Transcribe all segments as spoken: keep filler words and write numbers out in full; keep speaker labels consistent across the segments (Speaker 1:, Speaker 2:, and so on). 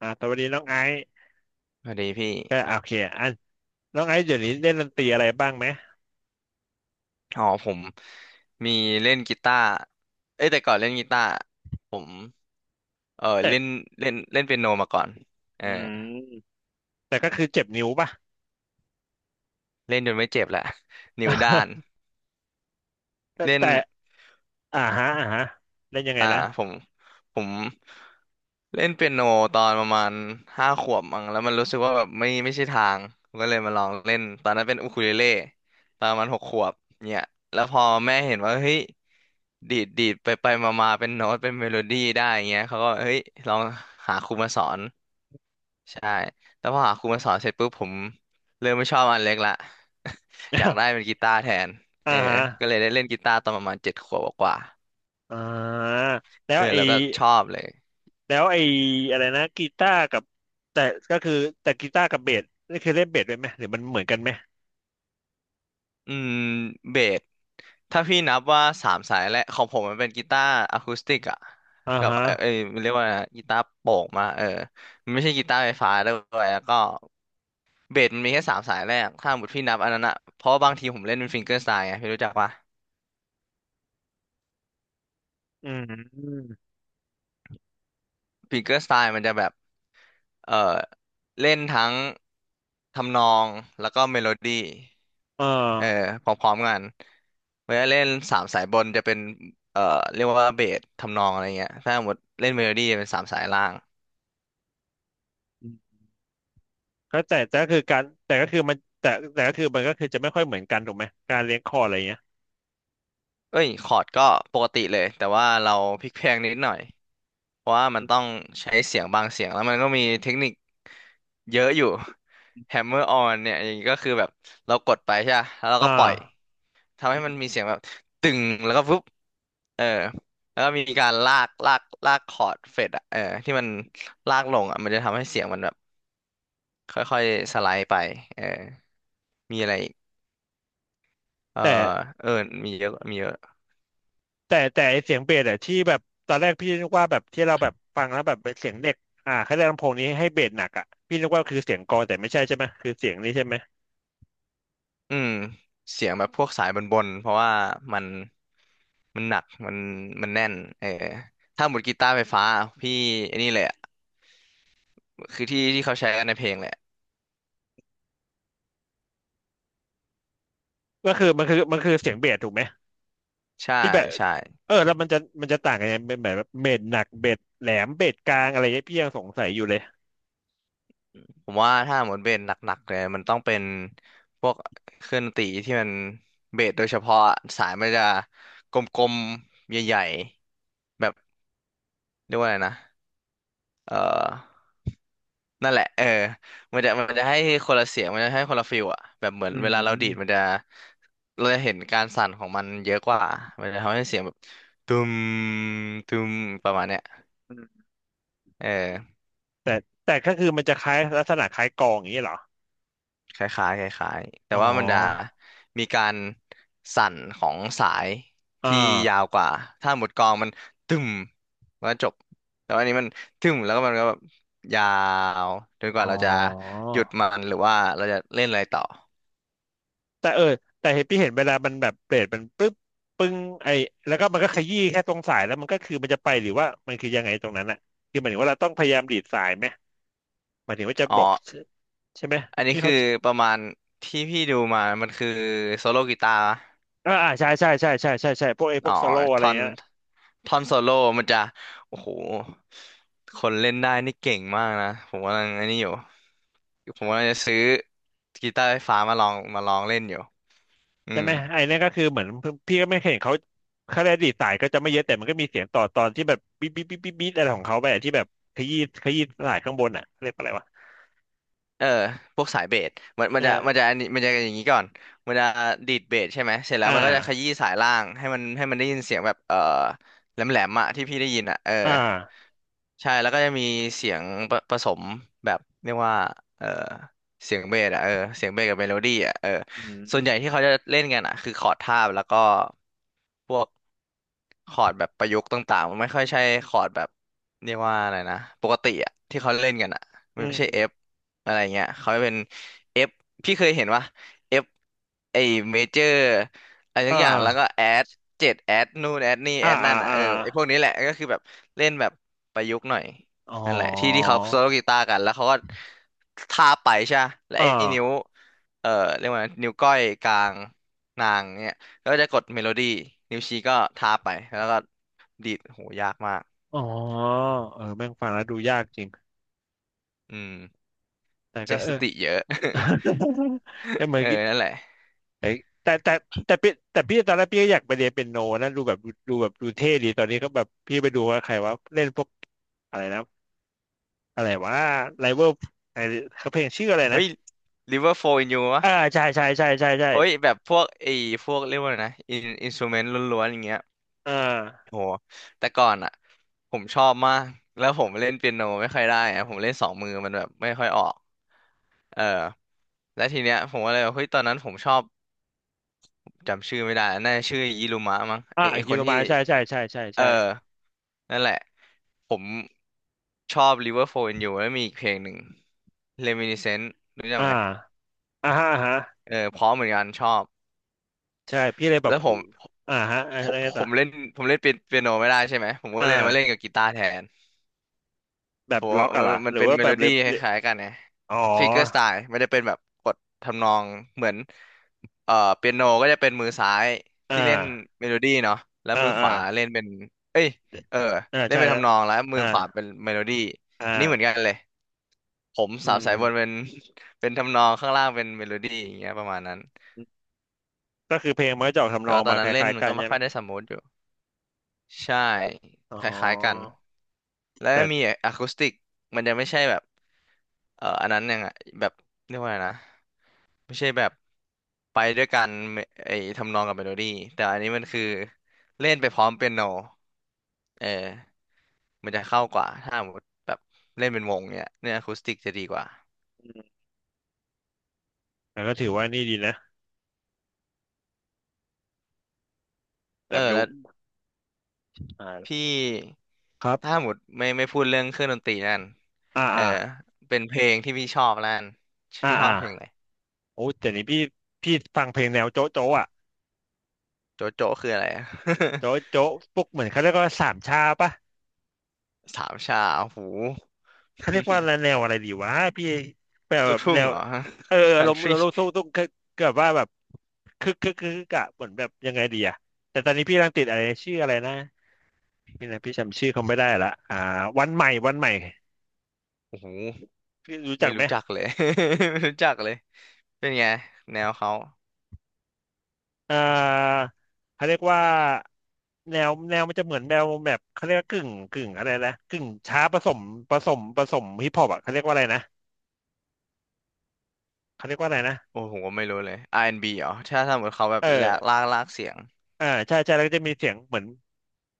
Speaker 1: อ่าสวัสดีน้องไอซ์
Speaker 2: สวัสดีพี่
Speaker 1: ก็อ่ะโอเคอันน้องไอซ์เดี๋ยวนี้เล่นดนตรีอะไรบ้างไหม
Speaker 2: อ๋อผมมีเล่นกีตาร์เอ้ยแต่ก่อนเล่นกีตาร์ผม เออ
Speaker 1: เจ็บ
Speaker 2: เล่นเล่นเล่นเปียโนมาก่อน เออ
Speaker 1: อืมแต่ก็คือเจ็บนิ้วป่ะ
Speaker 2: เล่นจนไม่เจ็บละ นิ้วด้าน
Speaker 1: แต่
Speaker 2: เล่น
Speaker 1: แต่อ่าฮะอ่าฮะเล่นยังไง
Speaker 2: อ่า
Speaker 1: นะ
Speaker 2: ผมผมเล่นเปียโนตอนประมาณห้าขวบมั้งแล้วมันรู้สึกว่าแบบไม่ไม่ใช่ทางผมก็เลยมาลองเล่นตอนนั้นเป็นอูคูเลเล่ตอนประมาณหกขวบเนี่ยแล้วพอแม่เห็นว่าเฮ้ยดีดดีดไปไปมามาเป็นโน้ตเป็นเมโลดี้ได้อย่างเงี้ยเขาก็เฮ้ยลองหาครูมาสอนใช่แล้วพอหาครูมาสอนเสร็จปุ๊บผมเริ่มไม่ชอบอันเล็กละ อยากได้เป็นกีตาร์แทน
Speaker 1: อ่า
Speaker 2: เออ
Speaker 1: ฮะ
Speaker 2: ก็เลยได้เล่นกีตาร์ตอนประมาณเจ็ดขวบกว่า
Speaker 1: อ่า
Speaker 2: ๆ
Speaker 1: แล้
Speaker 2: เอ
Speaker 1: ว
Speaker 2: อ
Speaker 1: ไอ
Speaker 2: แล้วก็ชอบเลย
Speaker 1: แล้วไออะไรนะกีตาร์กับแต่ก็คือแต่กีตาร์กับเบสนี่คือเล่นเบสด้วยไหมหรือมันเหมือนกันไหม
Speaker 2: อืมเบสถ้าพี่นับว่าสามสายแรกของผมมันเป็นกีตาร์อะคูสติกอะ
Speaker 1: อ่า
Speaker 2: กับ
Speaker 1: ฮะ
Speaker 2: เออเอยมันเรียกว่าอะไรนะกีตาร์โปร่งมาเออมันไม่ใช่กีตาร์ไฟฟ้าด้วยแล้วก็เบสมันมีแค่สามสายแรกถ้าหมดพี่นับอันนั้นอะเพราะว่าบางทีผมเล่นเป็นฟิงเกอร์สไตล์ไงพี่รู้จักปะ
Speaker 1: อืม
Speaker 2: ฟิงเกอร์สไตล์มันจะแบบเออเล่นทั้งทำนองแล้วก็เมโลดี้
Speaker 1: อ่า
Speaker 2: เออพร้อมๆกันเวลาเล่นสามสายบนจะเป็นเอ่อเรียกว่าเบสทำนองอะไรเงี้ยถ้าหมดเล่นเมโลดี้จะเป็นสามสายล่าง
Speaker 1: อืมก็แต่แต่ก็คือการแต่ก็คือมันแต่แต่ก็คือมันก็คือจะไม่ค่อยเหมือนกันถูกไหมการเลี้ยงคออะไรอย่างเงี้ย
Speaker 2: เอ้ยคอร์ดก็ปกติเลยแต่ว่าเราพลิกเพลงนิดหน่อยเพราะว่ามันต้องใช้เสียงบางเสียงแล้วมันก็มีเทคนิคเยอะอยู่ hammer on เนี่ยอย่างนี้ก็คือแบบเรากดไปใช่ปะแล้วเรา
Speaker 1: อ่า
Speaker 2: ก็ปล่อยทำให้มันมีเสียงแบบตึงแล้วก็ปุ๊บเออแล้วก็มีการลากลากลากคอร์ดเฟดอะเออที่มันลากลงอะมันจะทำให้เสียงมันแบบ ค่อยๆสไลด์ไปเออมีอะไรอีกเออ
Speaker 1: แต่
Speaker 2: เออมีเยอะมีเยอะ
Speaker 1: แต่แต่ไอ้เสียงเบสอะที่แบบตอนแรกพี่นึกว่าแบบที่เราแบบฟังแล้วแบบเป็นเสียงเด็กอ่าเขาเรียกลำโพงนี้ให้เบสหนักอ่ะพี่นึกว่าคือเสียงกลองแต่ไม่ใช่ใช่ไหมคือเสียงนี้ใช่ไหม
Speaker 2: อืมเสียงแบบพวกสายบนๆเพราะว่ามันมันหนักมันมันแน่นเออถ้าหมดกีตาร์ไฟฟ้าพี่ไอันนี้เลยอะคือที่ที่เขาใช้กันในเพลงแหละ
Speaker 1: ก็คือมันคือมันคือเสียงเบสถูกไหม
Speaker 2: ใช่
Speaker 1: ที่แบบ
Speaker 2: ใช่
Speaker 1: เออแล้วมันจะมันจะต่างกันยังไงเป็นแบบเบสหนักเบสแหลมเบสกลางอะไรเงี้ยพี่ยังสงสัยอยู่เลย
Speaker 2: ผมว่าถ้าหมดเบสหนักๆเลยมันต้องเป็นพวกเครื่องดนตรีที่มันเบสโดยเฉพาะอะสายมันจะกลมๆใหญ่ๆแบบเรียกว่าอะไรนะเออ นั่นแหละเออมันจะมันจะให้คนละเสียงมันจะให้คนละฟิลอะแบบเหมือ
Speaker 1: อื
Speaker 2: นเวลาเราดีดมัน
Speaker 1: ม
Speaker 2: จะเราจะเห็นการสั่นของมันเยอะกว่ามันจะทำให้เสียงแบบตุมตุมประมาณเนี้ย
Speaker 1: อืม
Speaker 2: เออ
Speaker 1: แต่แต่ก็คือมันจะคล้ายลักษณะคล้ายกลองอย่างนี้เหรอ
Speaker 2: คล้ายๆคล้ายๆแต่
Speaker 1: อ๋
Speaker 2: ว่ามันจะ
Speaker 1: อ
Speaker 2: มีการสั่นของสาย
Speaker 1: อ่
Speaker 2: ที่ยาว
Speaker 1: า
Speaker 2: กว่า ถ้าหมดกลองมันตึมมันก็จบแต่ว่าอันนี้มันตึมแล้วก็มันก็แบบยาวจนก
Speaker 1: อ๋
Speaker 2: ว่า
Speaker 1: อ
Speaker 2: เราจะหยุดมันหรือว่าเราจะเล่นอะไรต่อ
Speaker 1: แต่เออแต่เห็นพี่เห็นเวลามันแบบเบรดมันปึ๊บปึ้งไอแล้วก็มันก็ขยี้แค่ตรงสายแล้วมันก็คือมันจะไปหรือว่ามันคือยังไงตรงนั้นอะคือหมายถึงว่าเราต้องพยายามดีดสายไหมหมายถึงว่าจะ
Speaker 2: อ๋อ
Speaker 1: บอกใช่ไหม
Speaker 2: อันนี้
Speaker 1: พี่
Speaker 2: คื
Speaker 1: เขา
Speaker 2: อประมาณที่พี่ดูมามันคือโซโลกีตาร์
Speaker 1: อ่าอ่าใช่ใช่ใช่ใช่ใช่ใช่พวกไอพ
Speaker 2: อ๋
Speaker 1: ว
Speaker 2: อ
Speaker 1: กสโลอะไร
Speaker 2: ท่อน
Speaker 1: เงี้ย
Speaker 2: ท่อนโซโล่มันจะ โอ้โห คนเล่นได้นี่เก่งมากนะ ผมกำลังอันนี้อยู่ ผมกำลังจะซื้อกีตาร์ไฟฟ้ามาลองมาลองเล่นอยู่อื
Speaker 1: ใช่
Speaker 2: ม
Speaker 1: ไหมไอเนี่นก็คือเหมือนพี่ก็ไม่เคยเห็นเขาเขาได้ดีดสายก็จะไม่เยอะแต่มันก็มีเสียงต่อตอนที่แบบบีบบีบบีบบีบอะไรของเขาไปอะที่แบบขยี้ขยี้สายข้างบนอะเรียกว่าอะไรวะ
Speaker 2: เออพวกสายเบสมันมั
Speaker 1: เอ
Speaker 2: น
Speaker 1: อ
Speaker 2: จะมันจะอันนี้มันจะอย่างนี้ก่อนมันจะดีดเบสใช่ไหมเสร็จแล้
Speaker 1: อ่
Speaker 2: วมันก็จะข
Speaker 1: า
Speaker 2: ยี้สายล่างให้มันให้มันได้ยินเสียงแบบเออแหลมแหลมอะที่พี่ได้ยินอะเออ
Speaker 1: อ่า
Speaker 2: ใช่แล้วก็จะมีเสียงผผสมแบบเรียกว่าเออเสียงเบสอะเออเสียงเบสกับเมโลดี้อะเออส่วนใหญ่ที่เขาจะเล่นกันอะคือคอร์ดทาบแล้วก็ พวกคอร์ดแบบประยุกต์ต่างๆมันไม่ค่อยใช่คอร์ดแบบเรียกว่าอะไรนะปกติอะที่เขาเล่นกันอะ
Speaker 1: อื
Speaker 2: มันไม่ใช่ F
Speaker 1: ม
Speaker 2: อะไรเงี้ยเขาเป็น F พี่เคยเห็นว่า F ไอเมเจอร์อะไรทุ
Speaker 1: อ่า
Speaker 2: กอย่างแล้วก็แอดเจ็ดแอดนู่นแอดนี่
Speaker 1: อ่า
Speaker 2: แอด
Speaker 1: อ่า
Speaker 2: นั่นอะ
Speaker 1: อ่า
Speaker 2: เออไอพวกนี้แหละก็คือแบบเล่นแบบประยุกต์หน่อย
Speaker 1: อ๋อ
Speaker 2: นั่นแหละที่ที่เขาโซโลกีตาร์กันแล้วเขาก็ทาบไปใช่ปะแล้วไอ
Speaker 1: อ่า
Speaker 2: นิ้วเอ่อเรียกว่านิ้วก้อยกลางนางเนี่ย แล้วก็จะกดเมโลดี้นิ้วชี้ก็ทาไปแล้วก็ดีดโหยากมาก
Speaker 1: อ๋อเออแม่งฟังแล้วดูยากจริง
Speaker 2: อืม
Speaker 1: แต่ก็
Speaker 2: ใช้
Speaker 1: เอ
Speaker 2: ส
Speaker 1: อ
Speaker 2: ติเยอะ
Speaker 1: แต่ เหมือ
Speaker 2: เอ
Speaker 1: น
Speaker 2: อ
Speaker 1: กี้
Speaker 2: นั่นแหละ
Speaker 1: เอ้ยแต่แต่แต่พี่แต่พี่ตอนแรกพี่ก็อยากไปเรียนเปียโนนะดูแบบดูแบบดูเท่ดีตอนนี้ก็แบบพี่ไปดูว่าใครว่าเล่นพวกอะไรนะอะไรว่าไลเวอร์ไอเขาเพลงชื่ออะไรนะ
Speaker 2: เฮ้ย River Flow in You วะ
Speaker 1: อ่าใช่ใช่ใช่ใช่ใช่
Speaker 2: โอ้ยแบบพวกไอ้พวกเรียกว่าอะไรนะอินอินสตูเมนต์ล้วนๆอย่างเงี้ย
Speaker 1: อ่า
Speaker 2: โหแต่ก่อนอ่ะผมชอบมากแล้วผมเล่นเปียโนไม่ค่อยได้อะผมเล่นสองมือมันแบบไม่ค่อยออกเออแล้วทีเนี้ยผมก็เลยวบบเฮ้ยตอนนั้นผมชอบจำชื่อไม่ได้น่าจะชื่อยิรุมะมั้ง
Speaker 1: อ่า
Speaker 2: ไอ้
Speaker 1: อิ
Speaker 2: ไอ้
Speaker 1: คิ
Speaker 2: คน
Speaker 1: โร
Speaker 2: ที่
Speaker 1: มาใช่ใช่ใช่ใช่
Speaker 2: เออ
Speaker 1: ใช่
Speaker 2: นั่นแหละ ผมชอบ Liverpool and You แล้วมีอีกเพลงหนึ่ง Reminiscence รู้จัก
Speaker 1: อ่า
Speaker 2: ไหม
Speaker 1: อ่าฮะอ่าฮะ
Speaker 2: เออเพราะเหมือนกันชอบ
Speaker 1: ใช่พี่เลยแบ
Speaker 2: แล้
Speaker 1: บ
Speaker 2: วผ
Speaker 1: หู
Speaker 2: ม
Speaker 1: อ่าฮะ
Speaker 2: ผ
Speaker 1: อะไร
Speaker 2: มผ
Speaker 1: ต่อ
Speaker 2: มเล่นผมเล่นเปียเปียโนไม่ได้ใช่ไหม ผมก็
Speaker 1: อ่า
Speaker 2: เลยมาเล่นกับกีตาร์แทน
Speaker 1: แบ
Speaker 2: ผ
Speaker 1: บ
Speaker 2: มว่า
Speaker 1: ล็อกอะ
Speaker 2: มั
Speaker 1: เห
Speaker 2: น
Speaker 1: รอ
Speaker 2: มั
Speaker 1: ห
Speaker 2: น
Speaker 1: รือ
Speaker 2: เป็น
Speaker 1: ว่า
Speaker 2: เม
Speaker 1: แบ
Speaker 2: โล
Speaker 1: บเ
Speaker 2: ดี้ค
Speaker 1: ล็บ
Speaker 2: ล้ายๆกันไง
Speaker 1: อ๋อ
Speaker 2: Finger Style ไม่ได้เป็นแบบกดทำนองเหมือนเอ่อเปียโนก็จะเป็นมือซ้าย
Speaker 1: อ่า
Speaker 2: ที่เล่นเมโลดี้เนาะแล้ว
Speaker 1: อ่า
Speaker 2: มือข
Speaker 1: อ่า
Speaker 2: วาเล่นเป็น เอ้ย เออ
Speaker 1: อ่า
Speaker 2: เล่น
Speaker 1: ใช่
Speaker 2: เป็น
Speaker 1: แล้ว
Speaker 2: ทำนองแล้วมื
Speaker 1: อ่า
Speaker 2: อขวาเป็นเมโลดี้
Speaker 1: อ่
Speaker 2: อันนี้เหมือนกัน
Speaker 1: า
Speaker 2: เลย ผมสา
Speaker 1: อื
Speaker 2: ว
Speaker 1: ม
Speaker 2: สายบนเป็นเป็นทำนองข้างล่างเป็นเมโลดี้อย่างเงี้ยประมาณนั้น
Speaker 1: ก็คือเพลงมันก็จะออกทำน
Speaker 2: แต่
Speaker 1: อง
Speaker 2: ว่าตอ
Speaker 1: มา
Speaker 2: น
Speaker 1: ค
Speaker 2: นั้นเล่น
Speaker 1: ล้ายๆ
Speaker 2: มัน
Speaker 1: กัน
Speaker 2: ก็ไม่
Speaker 1: ใช่
Speaker 2: ค่
Speaker 1: ไหม
Speaker 2: อยได้สมูทอยู่ใช่
Speaker 1: อ๋
Speaker 2: คล้ายๆกัน
Speaker 1: อ
Speaker 2: แล้ว
Speaker 1: แต่
Speaker 2: มีอะคูสติกมันจะไม่ใช่แบบเอ่ออันนั้นยังไงแบบเรียกว่าอะไงนะไม่ใช่แบบไปด้วยกันเมไอ้ทำนองกับเมโลดี้แต่อันนี้มันคือเล่นไปพร้อมเปียโนเออมันจะเข้ากว่าถ้าสมมติแบบเล่นเป็นวงเนี่ยเนี่ยอะคูสติกจะดีกว่า
Speaker 1: อืมแต่ก็ถือว่านี่ดีนะแบ
Speaker 2: เออ
Speaker 1: บรู้
Speaker 2: แล้ว
Speaker 1: อ่า
Speaker 2: พี่
Speaker 1: ครั
Speaker 2: ถ้า
Speaker 1: บ
Speaker 2: หมดไม่ไม่พูดเรื่องเครื่องดนตรีนั่น
Speaker 1: อ่า
Speaker 2: เออ
Speaker 1: อ่า
Speaker 2: เป็นเพลงที่พี่ชอบแล้วกัน
Speaker 1: อ่า
Speaker 2: พี่ชอ
Speaker 1: อ่า
Speaker 2: บเพลงอะไร
Speaker 1: โอ้แต่นี้พี่พี่ฟังเพลงแนวโจ๊ะโจ๊ะอ่ะ
Speaker 2: โจโจ้คืออะไรอะ
Speaker 1: โจ๊ะโจ๊ะพวกเหมือนเขาเรียกว่าสามชาปะ
Speaker 2: สามชาโอ้โห
Speaker 1: เขาเรียกว่าอะไร แนวอะไรดีวะพี่แบ
Speaker 2: ลูก
Speaker 1: บ
Speaker 2: ทุ่
Speaker 1: แน
Speaker 2: ง
Speaker 1: ว
Speaker 2: เหรอ
Speaker 1: เอออา
Speaker 2: คั
Speaker 1: ร
Speaker 2: น
Speaker 1: ม
Speaker 2: ทรี
Speaker 1: ลมณ์ตุ้งตุ้งคือแบบว่าแบบคึกคึกคึกคึกอะเหมือนแบบยังไงดีอะแต่ตอนนี้พี่กำลังติดอะไรชื่ออะไรนะพี่นะพี่จำชื่อเขาไม่ได้ละอ่าวันใหม่วันใหม่
Speaker 2: โอ้โห
Speaker 1: พี่รู้จั
Speaker 2: ไม่
Speaker 1: กไหม
Speaker 2: รู้จักเลย ไม่รู้จักเลยเป็นไงแนวเขา
Speaker 1: อ่าเขาเรียกว่าแนวแนวมันจะเหมือนแนวแบบเขาเรียกว่ากึ่งกึ่งอะไรนะกึ่งช้าผสมผสมผสมฮิปฮอปอะเขาเรียกว่าอะไรนะเขาเรียกว่าอะไรนะ
Speaker 2: โอ้โหไม่รู้เลย อาร์ แอนด์ บี เหรอถ้าสมมติเขาแบ
Speaker 1: เอ
Speaker 2: บ
Speaker 1: อ
Speaker 2: แหลกลากลากเสียง
Speaker 1: อ่าใช่ใช่แล้วก็จะมีเสียงเหมือน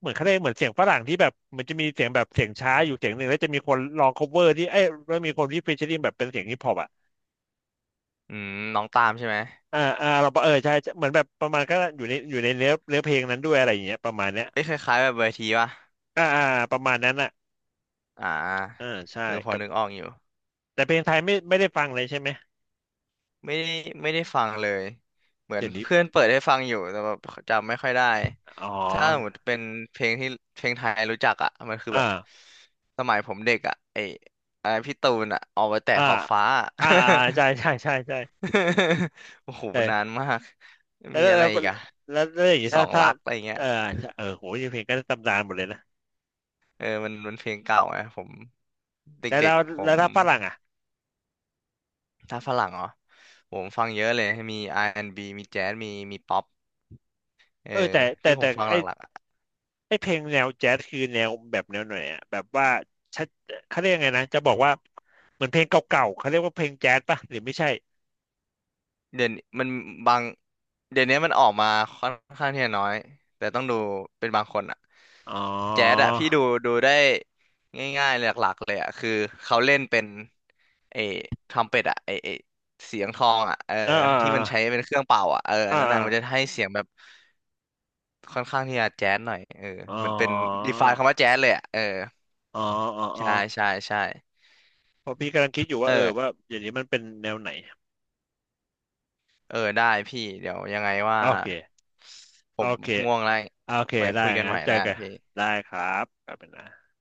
Speaker 1: เหมือนเขาเรียกเหมือนเสียงฝรั่งที่แบบมันจะมีเสียงแบบเสียงช้าอยู่เสียงหนึ่งแล้วจะมีคนลอง cover ที่เอ้ยแล้วมีคนที่ featuring แบบเป็นเสียงฮิปฮอปอ่ะ
Speaker 2: อืมน้องตามใช่ไหม
Speaker 1: อ่าอ่าเราเออใช่ใช่เหมือนแบบประมาณก็อยู่ในอยู่ในเนื้อเนื้อเพลงนั้นด้วยอะไรอย่างเงี้ยประมาณเนี้ย
Speaker 2: เอ้ยคล้ายๆแบบเวทีป่ะ
Speaker 1: อ่าอ่าประมาณนั้นอ่ะ
Speaker 2: อ่
Speaker 1: อ่า
Speaker 2: า
Speaker 1: ใช่
Speaker 2: เออพอ
Speaker 1: กับ
Speaker 2: นึกออกอยู่
Speaker 1: แต่เพลงไทยไม่ไม่ได้ฟังเลยใช่ไหม
Speaker 2: ไม่ได้ไม่ได้ฟังเลยเหมือน
Speaker 1: เดี๋ยวนี้
Speaker 2: เพื่อนเปิดให้ฟังอยู่แต่แบบจำไม่ค่อยได้
Speaker 1: อ๋อ
Speaker 2: ถ้าสมมติเป็นเพลงที่เพลงไทยรู้จักอ่ะมันคือ
Speaker 1: อ่า
Speaker 2: แบบสมัยผมเด็กอ่ะไออะไรพี่ตูนอ่ะออกไปแต่
Speaker 1: อ่า
Speaker 2: ขอบฟ้าอะ
Speaker 1: อ่าอ่าใช่ใช่ใช่ใช่
Speaker 2: โอ้โหนานมาก
Speaker 1: เออ
Speaker 2: มีอะ
Speaker 1: แล้
Speaker 2: ไร
Speaker 1: ว
Speaker 2: อี
Speaker 1: แล้ว
Speaker 2: กอ่ะ
Speaker 1: แล้วแล้วอย่างนี้
Speaker 2: สอ
Speaker 1: ถ้า
Speaker 2: ง
Speaker 1: ถ้า
Speaker 2: รักอะไรเงี้
Speaker 1: เอ
Speaker 2: ย
Speaker 1: อเออโหยงเพลงก็ตำนานหมดเลยนะ
Speaker 2: เออมันมันเพลงเก่าไงผมเ
Speaker 1: แล้ว
Speaker 2: ด็
Speaker 1: แล้
Speaker 2: ก
Speaker 1: ว
Speaker 2: ๆผ
Speaker 1: แล้
Speaker 2: ม
Speaker 1: วถ้าฝรั่งอ่ะ
Speaker 2: ถ้าฝรั่งเหรอผมฟังเยอะเลยมีอาร์แอนด์บ b มีแจ๊สมีมีป๊อปเอ
Speaker 1: เออ
Speaker 2: อ
Speaker 1: แต่แต่
Speaker 2: ที่ผ
Speaker 1: แต่
Speaker 2: มฟัง
Speaker 1: ไอ
Speaker 2: หลักๆอะ
Speaker 1: ไอเพลงแนวแจ๊สคือแนวแบบแนวไหนอ่ะแบบว่าชัดเขาเรียกไงนะจะบอกว่าเหมือนเพลงเก่าๆเขาเรียกว่าเพลงแจ๊สป่ะหรือไม่ใช่
Speaker 2: เดี๋ยวนี้มันบางเดี๋ยวนี้มันออกมาค่อนข้างที่จะน้อยแต่ต้องดูเป็นบางคนอะ
Speaker 1: อ๋อ
Speaker 2: แจ๊ดอะพี่ดูดูได้ง่ายๆหลักๆเลยอะคือเขาเล่นเป็นไอ้ทรัมเป็ตอะไอ้ไอ้เสียงทองอะเออ
Speaker 1: อ่าอ่า
Speaker 2: ที่มันใช้เป็นเครื่องเป่าอะเอออั
Speaker 1: อ่า
Speaker 2: นนั้น
Speaker 1: อา
Speaker 2: อะมันจะให้เสียงแบบค่อนข้างที่จะแจ๊ดหน่อยเออ
Speaker 1: อ๋อ
Speaker 2: เหมือนเป็นดีฟายคำว่าแจ๊ดเลยอะเออ
Speaker 1: อ๋ออ๋ออ๋อ
Speaker 2: ใช่ใช่ใช่
Speaker 1: เพราะพี่กำลังคิดอยู่
Speaker 2: เอ
Speaker 1: ว่าเออ
Speaker 2: อ
Speaker 1: ว่าอย่างนี้มันเป็นแนวไหน
Speaker 2: เออได้พี่เดี๋ยวยังไงว่า
Speaker 1: โอเค
Speaker 2: ผ
Speaker 1: โอ
Speaker 2: ม
Speaker 1: เค
Speaker 2: ง่วงแล้ว
Speaker 1: โอเค
Speaker 2: ไว้
Speaker 1: ได้
Speaker 2: คุยกัน
Speaker 1: งั้
Speaker 2: ให
Speaker 1: น
Speaker 2: ม่
Speaker 1: เจอ
Speaker 2: แล้วกัน
Speaker 1: กัน
Speaker 2: พี่
Speaker 1: ได้ครับขอบคุณนะ